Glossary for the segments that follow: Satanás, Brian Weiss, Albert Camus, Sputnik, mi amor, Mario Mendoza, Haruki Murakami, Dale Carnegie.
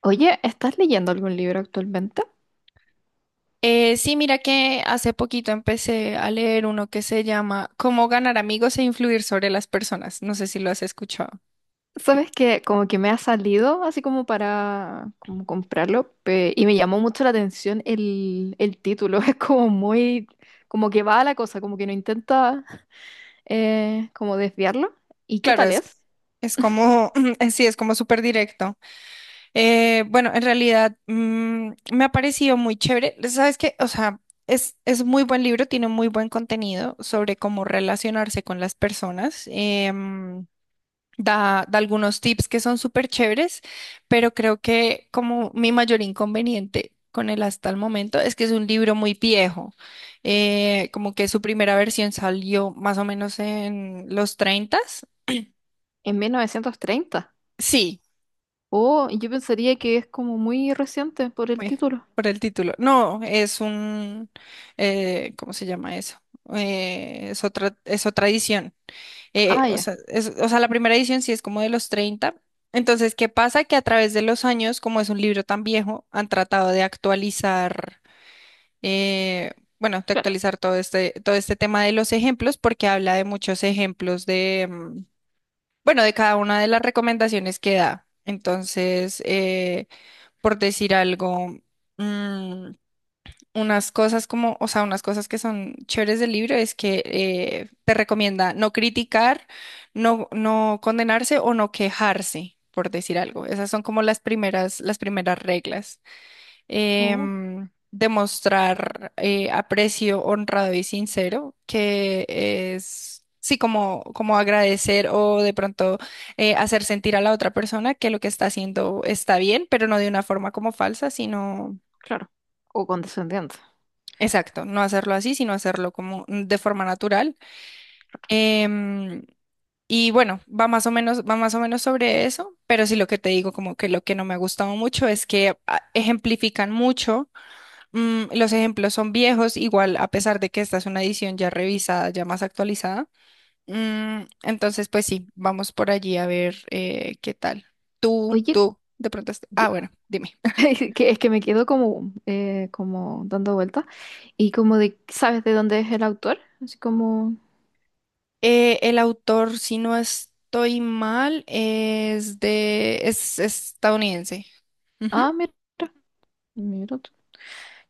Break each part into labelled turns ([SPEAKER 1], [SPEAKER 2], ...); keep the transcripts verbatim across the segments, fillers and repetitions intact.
[SPEAKER 1] Oye, ¿estás leyendo algún libro actualmente?
[SPEAKER 2] Eh, sí, mira que hace poquito empecé a leer uno que se llama Cómo ganar amigos e influir sobre las personas. No sé si lo has escuchado.
[SPEAKER 1] Sabes que como que me ha salido así como para como comprarlo pe- y me llamó mucho la atención el, el título. Es como muy, como que va a la cosa, como que no intenta eh, como desviarlo. ¿Y qué
[SPEAKER 2] Claro,
[SPEAKER 1] tal
[SPEAKER 2] es,
[SPEAKER 1] es?
[SPEAKER 2] es como, eh, sí, es como súper directo. Eh, bueno, en realidad mm, me ha parecido muy chévere. ¿Sabes qué? O sea, es, es muy buen libro, tiene muy buen contenido sobre cómo relacionarse con las personas. Em, da, da algunos tips que son súper chéveres, pero creo que como mi mayor inconveniente con él hasta el momento es que es un libro muy viejo, eh, como que su primera versión salió más o menos en los treinta.
[SPEAKER 1] En mil novecientos treinta.
[SPEAKER 2] Sí,
[SPEAKER 1] Oh, yo pensaría que es como muy reciente por el
[SPEAKER 2] uy,
[SPEAKER 1] título.
[SPEAKER 2] por el título. No, es un, eh, ¿cómo se llama eso? Eh, es otra, es otra edición. Eh,
[SPEAKER 1] Ah,
[SPEAKER 2] o
[SPEAKER 1] ya,
[SPEAKER 2] sea, es- o sea, la primera edición sí es como de los treinta. Entonces, ¿qué pasa? Que a través de los años, como es un libro tan viejo, han tratado de actualizar, eh, bueno, de
[SPEAKER 1] claro.
[SPEAKER 2] actualizar todo este, todo este tema de los ejemplos, porque habla de muchos ejemplos de, mm, bueno, de cada una de las recomendaciones que da. Entonces, eh, por decir algo, mm, unas cosas como, o sea, unas cosas que son chéveres del libro es que eh, te recomienda no criticar, no, no condenarse o no quejarse, por decir algo. Esas son como las primeras, las primeras reglas.
[SPEAKER 1] Oh,
[SPEAKER 2] Em, demostrar eh, aprecio honrado y sincero, que es... Sí, como, como agradecer o de pronto eh, hacer sentir a la otra persona que lo que está haciendo está bien, pero no de una forma como falsa, sino
[SPEAKER 1] claro. O condescendiente.
[SPEAKER 2] exacto, no hacerlo así, sino hacerlo como de forma natural. Em, y bueno, va más o menos, va más o menos sobre eso, pero sí lo que te digo, como que lo que no me ha gustado mucho es que ah, ejemplifican mucho, mm, los ejemplos son viejos, igual a pesar de que esta es una edición ya revisada, ya más actualizada. Mm, entonces, pues sí, vamos por allí a ver eh, qué tal. Tú,
[SPEAKER 1] Oye,
[SPEAKER 2] tú, de pronto, est-
[SPEAKER 1] yo,
[SPEAKER 2] ah, bueno, dime.
[SPEAKER 1] Es que, es que me quedo como, eh, como dando vueltas y como de, ¿sabes de dónde es el autor? Así como,
[SPEAKER 2] Eh, el autor, si no estoy mal, es de, es estadounidense. Ujú.
[SPEAKER 1] ah, mira, mira tú.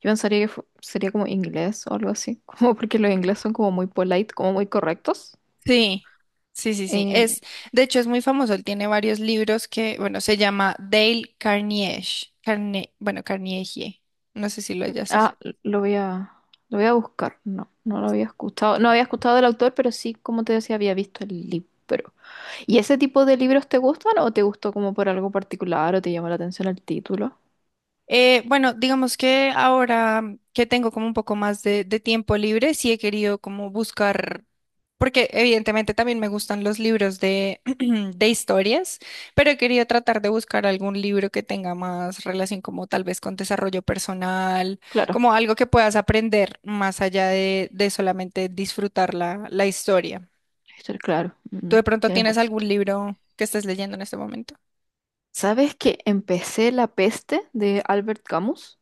[SPEAKER 1] Yo pensaría que fu- sería como inglés o algo así, como porque los ingleses son como muy polite, como muy correctos.
[SPEAKER 2] Sí, sí, sí, sí.
[SPEAKER 1] Eh,
[SPEAKER 2] Es, de hecho, es muy famoso. Él tiene varios libros que, bueno, se llama Dale Carnegie. Carne, bueno, Carnegie. No sé si lo hayas
[SPEAKER 1] ah, lo voy a, lo voy a buscar. No, no lo había escuchado. No había escuchado del autor, pero sí, como te decía, había visto el libro. ¿Y ese tipo de libros te gustan o te gustó como por algo particular o te llamó la atención el título?
[SPEAKER 2] Eh, bueno, digamos que ahora que tengo como un poco más de, de tiempo libre, sí he querido como buscar, porque evidentemente también me gustan los libros de, de historias, pero he querido tratar de buscar algún libro que tenga más relación como tal vez con desarrollo personal,
[SPEAKER 1] Claro.
[SPEAKER 2] como algo que puedas aprender más allá de, de solamente disfrutar la, la historia.
[SPEAKER 1] Esto, claro,
[SPEAKER 2] ¿Tú
[SPEAKER 1] mm,
[SPEAKER 2] de pronto
[SPEAKER 1] tiene
[SPEAKER 2] tienes
[SPEAKER 1] mucho
[SPEAKER 2] algún
[SPEAKER 1] sentido.
[SPEAKER 2] libro que estés leyendo en este momento?
[SPEAKER 1] ¿Sabes que empecé La peste de Albert Camus,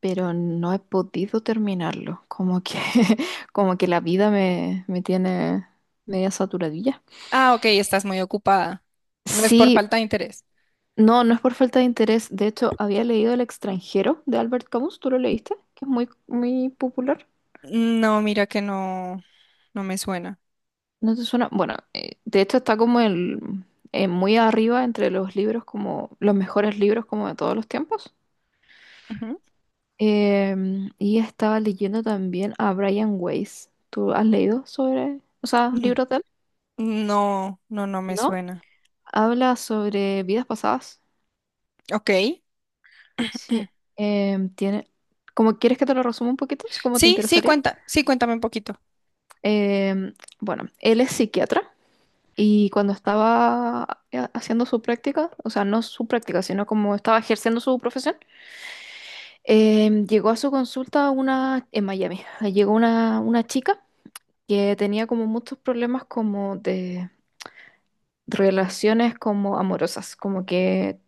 [SPEAKER 1] pero no he podido terminarlo? Como que, como que la vida me, me tiene media saturadilla.
[SPEAKER 2] Ah, ok, estás muy ocupada. No es por
[SPEAKER 1] Sí,
[SPEAKER 2] falta de interés.
[SPEAKER 1] no, no es por falta de interés. De hecho, había leído El extranjero de Albert Camus, ¿tú lo leíste? Que es muy, muy popular.
[SPEAKER 2] No, mira que no, no me suena.
[SPEAKER 1] ¿No te suena? Bueno, eh, de hecho está como el, eh, muy arriba entre los libros, como los mejores libros como de todos los tiempos.
[SPEAKER 2] Ujú.
[SPEAKER 1] Em, y estaba leyendo también a Brian Weiss. ¿Tú has leído sobre, o sea,
[SPEAKER 2] Mm,
[SPEAKER 1] libros de él?
[SPEAKER 2] No, no, no me
[SPEAKER 1] ¿No?
[SPEAKER 2] suena.
[SPEAKER 1] Habla sobre vidas pasadas.
[SPEAKER 2] Ok.
[SPEAKER 1] Sí. Em, tiene, como quieres que te lo resuma un poquito, si como te
[SPEAKER 2] Sí, sí,
[SPEAKER 1] interesaría.
[SPEAKER 2] cuenta, sí, cuéntame un poquito.
[SPEAKER 1] Em, bueno, él es psiquiatra y cuando estaba eh, haciendo su práctica, o sea, no su práctica, sino como estaba ejerciendo su profesión, em, llegó a su consulta una en Miami. Llegó una, una chica que tenía como muchos problemas como de relaciones como amorosas, como que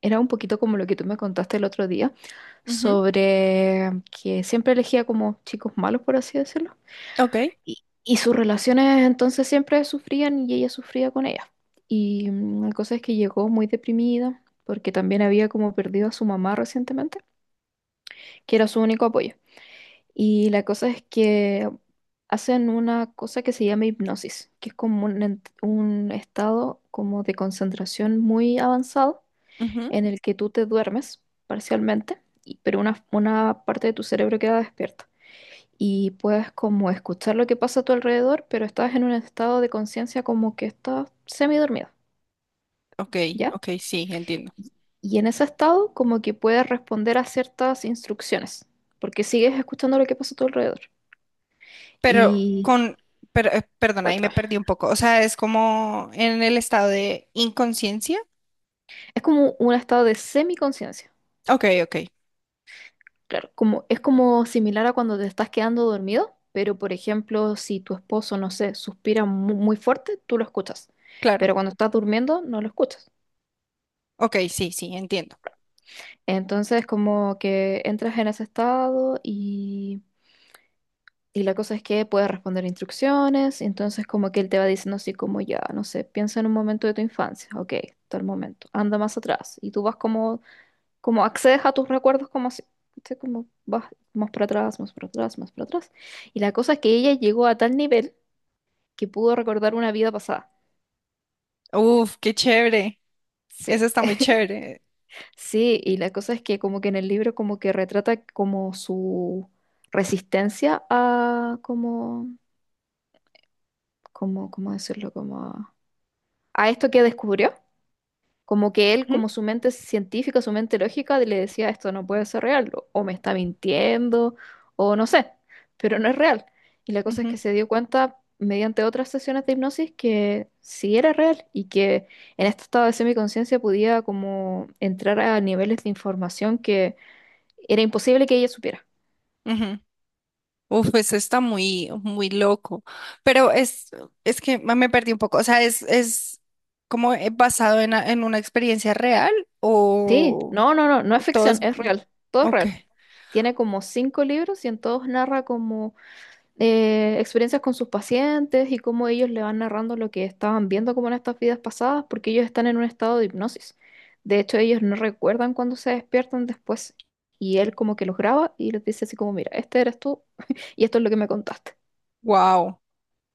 [SPEAKER 1] era un poquito como lo que tú me contaste el otro día,
[SPEAKER 2] Ujú,
[SPEAKER 1] sobre que siempre elegía como chicos malos, por así decirlo,
[SPEAKER 2] ok,
[SPEAKER 1] y, y sus relaciones entonces siempre sufrían y ella sufría con ella. Y mm, la cosa es que llegó muy deprimida porque también había como perdido a su mamá recientemente, que era su único apoyo. Y la cosa es que hacen una cosa que se llama hipnosis, que es como un, ent- un estado como de concentración muy avanzado
[SPEAKER 2] ujú,
[SPEAKER 1] en el que tú te duermes parcialmente, y- pero una, una parte de tu cerebro queda despierta. Y puedes como escuchar lo que pasa a tu alrededor, pero estás en un estado de conciencia como que estás semidormido,
[SPEAKER 2] ok,
[SPEAKER 1] ¿ya?
[SPEAKER 2] ok, sí, entiendo.
[SPEAKER 1] Y en ese estado como que puedes responder a ciertas instrucciones, porque sigues escuchando lo que pasa a tu alrededor.
[SPEAKER 2] Pero
[SPEAKER 1] Y
[SPEAKER 2] con, pero, eh, perdona, ahí me
[SPEAKER 1] bueno,
[SPEAKER 2] perdí un poco. O sea, es como en el estado de inconsciencia.
[SPEAKER 1] es como un estado de semiconciencia.
[SPEAKER 2] Ok, ok,
[SPEAKER 1] Claro, como, es como similar a cuando te estás quedando dormido, pero por ejemplo, si tu esposo, no sé, suspira mu- muy, fuerte, tú lo escuchas,
[SPEAKER 2] claro.
[SPEAKER 1] pero cuando estás durmiendo no lo escuchas.
[SPEAKER 2] Ok, sí, sí, entiendo.
[SPEAKER 1] Entonces, como que entras en ese estado y, y la cosa es que puedes responder instrucciones, entonces como que él te va diciendo así como ya, no sé, piensa en un momento de tu infancia, ok, tal momento, anda más atrás, y tú vas como como accedes a tus recuerdos como si, ¿cachai? Como vas más para atrás, más para atrás, más para atrás. Y la cosa es que ella llegó a tal nivel que pudo recordar una vida pasada.
[SPEAKER 2] Uf, qué chévere.
[SPEAKER 1] Sí.
[SPEAKER 2] Eso está muy chévere.
[SPEAKER 1] Sí, y la cosa es que como que en el libro como que retrata como su resistencia a como, como, ¿cómo decirlo? Como a, a esto que descubrió. Como que él,
[SPEAKER 2] Ujú,
[SPEAKER 1] como su mente científica, su mente lógica, le decía, esto no puede ser real, o o me está mintiendo, o no sé, pero no es real. Y la cosa es
[SPEAKER 2] ujú,
[SPEAKER 1] que se dio cuenta mediante otras sesiones de hipnosis que sí era real y que en este estado de semiconciencia podía como entrar a niveles de información que era imposible que ella supiera.
[SPEAKER 2] ujú. Uf, eso está muy, muy loco. Pero es, es que me me perdí un poco. O sea, es, es como eh, basado en, a- en una experiencia real
[SPEAKER 1] Sí,
[SPEAKER 2] o
[SPEAKER 1] no, no, no, no es
[SPEAKER 2] todo
[SPEAKER 1] ficción,
[SPEAKER 2] es,
[SPEAKER 1] es real, todo es
[SPEAKER 2] ok.
[SPEAKER 1] real. Tiene como cinco libros y en todos narra como eh, experiencias con sus pacientes y cómo ellos le van narrando lo que estaban viendo como en estas vidas pasadas, porque ellos están en un estado de hipnosis. De hecho, ellos no recuerdan cuando se despiertan después. Y él como que los graba y les dice así como, mira, este eres tú y esto es lo que me contaste.
[SPEAKER 2] Wow.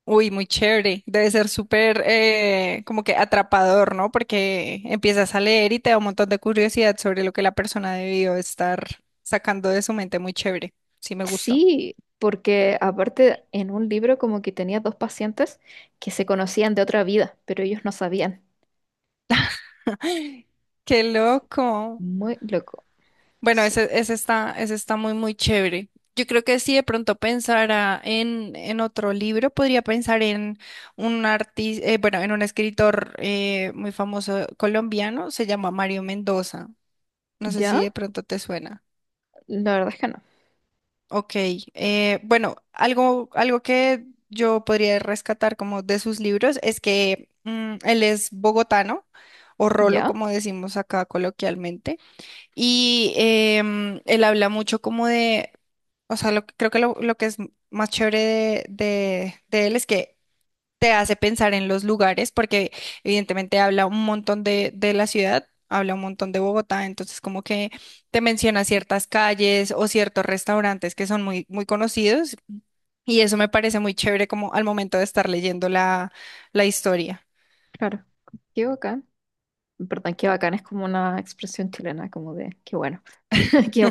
[SPEAKER 2] Uy, muy chévere. Debe ser súper eh, como que atrapador, ¿no? Porque empiezas a leer y te da un montón de curiosidad sobre lo que la persona debió estar sacando de su mente. Muy chévere. Sí, me gusta.
[SPEAKER 1] Sí, porque aparte en un libro como que tenía dos pacientes que se conocían de otra vida, pero ellos no sabían.
[SPEAKER 2] Qué
[SPEAKER 1] Es
[SPEAKER 2] loco.
[SPEAKER 1] muy loco.
[SPEAKER 2] Bueno,
[SPEAKER 1] Sí.
[SPEAKER 2] ese, ese está, ese está muy, muy chévere. Yo creo que si de pronto pensara en, en otro libro, podría pensar en un artista, bueno, en un escritor eh, muy famoso colombiano, se llama Mario Mendoza. No sé si
[SPEAKER 1] ¿Ya?
[SPEAKER 2] de pronto te suena.
[SPEAKER 1] La verdad es que no.
[SPEAKER 2] Ok, eh, bueno, algo, algo que yo podría rescatar como de sus libros es que mm, él es bogotano o rolo,
[SPEAKER 1] ¿Ya?
[SPEAKER 2] como decimos acá coloquialmente. Y em, él habla mucho como de, o sea, lo, que- creo que lo, lo que es más chévere de, de- de él es que te hace pensar en los lugares, porque evidentemente habla un montón de, de la ciudad, habla un montón de Bogotá, entonces como que te menciona ciertas calles o ciertos restaurantes que son muy, muy conocidos, y eso me parece muy chévere como al momento de estar leyendo la, la historia.
[SPEAKER 1] Claro. Qué acá en verdad, qué bacán, es como una expresión chilena, como de qué bueno, qué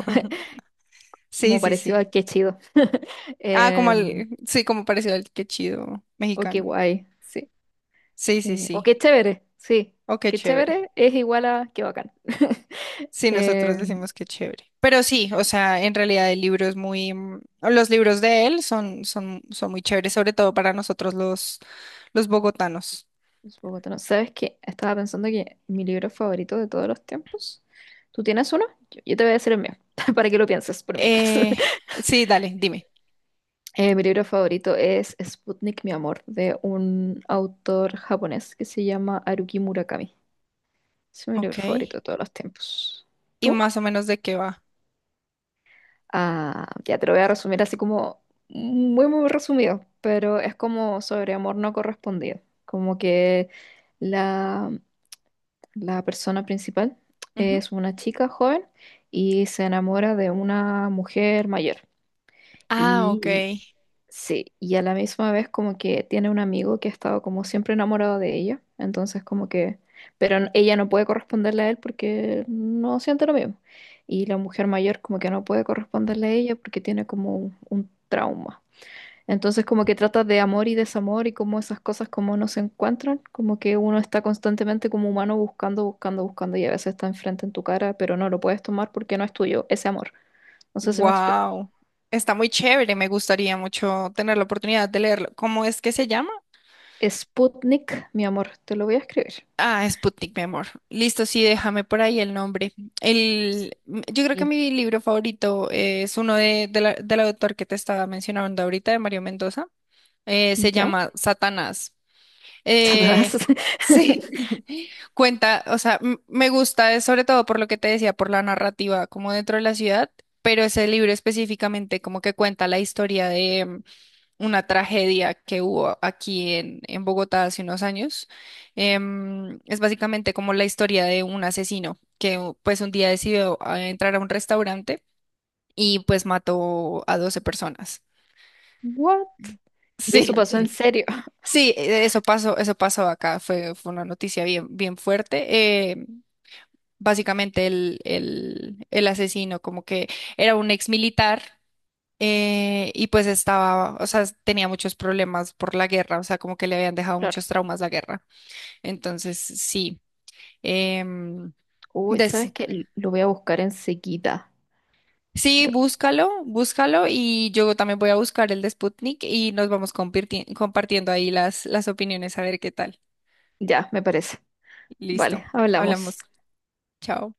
[SPEAKER 2] Sí,
[SPEAKER 1] como
[SPEAKER 2] sí,
[SPEAKER 1] parecido
[SPEAKER 2] sí.
[SPEAKER 1] a qué chido,
[SPEAKER 2] Ah, como
[SPEAKER 1] em,
[SPEAKER 2] al, sí, como parecido al que chido
[SPEAKER 1] o qué
[SPEAKER 2] mexicano.
[SPEAKER 1] guay, sí,
[SPEAKER 2] Sí, sí,
[SPEAKER 1] eh, o
[SPEAKER 2] sí.
[SPEAKER 1] qué chévere, sí,
[SPEAKER 2] Oh, qué
[SPEAKER 1] qué
[SPEAKER 2] chévere.
[SPEAKER 1] chévere es igual a qué bacán.
[SPEAKER 2] Sí, nosotros
[SPEAKER 1] Em,
[SPEAKER 2] decimos que chévere. Pero sí, o sea, en realidad el libro es muy, mm, los libros de él son, son, son muy chéveres, sobre todo para nosotros los, los bogotanos.
[SPEAKER 1] es bogotano. ¿Sabes qué? Estaba pensando que mi libro favorito de todos los tiempos, ¿tú tienes uno? Yo, yo te voy a decir el mío, para que lo pienses por mientras.
[SPEAKER 2] Eh, sí, dale, dime.
[SPEAKER 1] Eh, mi libro favorito es Sputnik, mi amor, de un autor japonés que se llama Haruki Murakami. Es mi
[SPEAKER 2] Ok.
[SPEAKER 1] libro favorito de todos los tiempos.
[SPEAKER 2] ¿Y
[SPEAKER 1] ¿Tú?
[SPEAKER 2] más o menos de qué va?
[SPEAKER 1] Ah, ya te lo voy a resumir así como muy, muy resumido, pero es como sobre amor no correspondido. Como que la, la persona principal
[SPEAKER 2] Ujú.
[SPEAKER 1] es una chica joven y se enamora de una mujer mayor.
[SPEAKER 2] Ah, ok.
[SPEAKER 1] Y, sí, y a la misma vez como que tiene un amigo que ha estado como siempre enamorado de ella, entonces como que, pero n- ella no puede corresponderle a él porque no siente lo mismo. Y la mujer mayor como que no puede corresponderle a ella porque tiene como un, un trauma. Entonces como que trata de amor y desamor y como esas cosas como no se encuentran, como que uno está constantemente como humano buscando, buscando, buscando y a veces está enfrente en tu cara, pero no lo puedes tomar porque no es tuyo ese amor. No sé si me explico.
[SPEAKER 2] Wow. Está muy chévere. Me gustaría mucho tener la oportunidad de leerlo. ¿Cómo es que se llama?
[SPEAKER 1] Sputnik, mi amor, te lo voy a escribir.
[SPEAKER 2] Ah, Sputnik, mi amor. Listo, sí, déjame por ahí el nombre. El, m- yo creo
[SPEAKER 1] Y
[SPEAKER 2] que
[SPEAKER 1] él,
[SPEAKER 2] mi libro favorito es uno de, de la- del autor que te estaba mencionando ahorita, de Mario Mendoza. Eh, se
[SPEAKER 1] ¿ya?
[SPEAKER 2] llama Satanás. Eh,
[SPEAKER 1] Satanás.
[SPEAKER 2] sí, cuenta, o sea, m- me gusta, eh, sobre todo por lo que te decía, por la narrativa como dentro de la ciudad, pero ese libro específicamente como que cuenta la historia una tragedia que hubo aquí en, en Bogotá hace unos años. Em, es básicamente como la historia de un asesino que u- pues un día decidió ah, entrar a un restaurante y pues mató a doce personas.
[SPEAKER 1] What? Y
[SPEAKER 2] Sí.
[SPEAKER 1] eso pasó en
[SPEAKER 2] Ok.
[SPEAKER 1] serio.
[SPEAKER 2] Sí, e- e, eso pasó, eso pasó acá, fue, fue una noticia bien, bien fuerte. Em, básicamente el, el, el asesino como que era un ex militar, eh, y pues estaba, o sea, tenía muchos problemas por la guerra, o sea, como que le habían dejado
[SPEAKER 1] Claro.
[SPEAKER 2] muchos traumas la guerra. Entonces, sí. em,
[SPEAKER 1] Uy, ¿sabes
[SPEAKER 2] des-
[SPEAKER 1] qué? Lo voy a buscar enseguida.
[SPEAKER 2] sí,
[SPEAKER 1] Pero
[SPEAKER 2] búscalo, búscalo y yo también voy a buscar el de Sputnik y nos vamos comparti- compartiendo ahí las, las opiniones a ver qué tal.
[SPEAKER 1] ya, me parece.
[SPEAKER 2] Listo,
[SPEAKER 1] Vale, hablamos.
[SPEAKER 2] hablamos. Chao.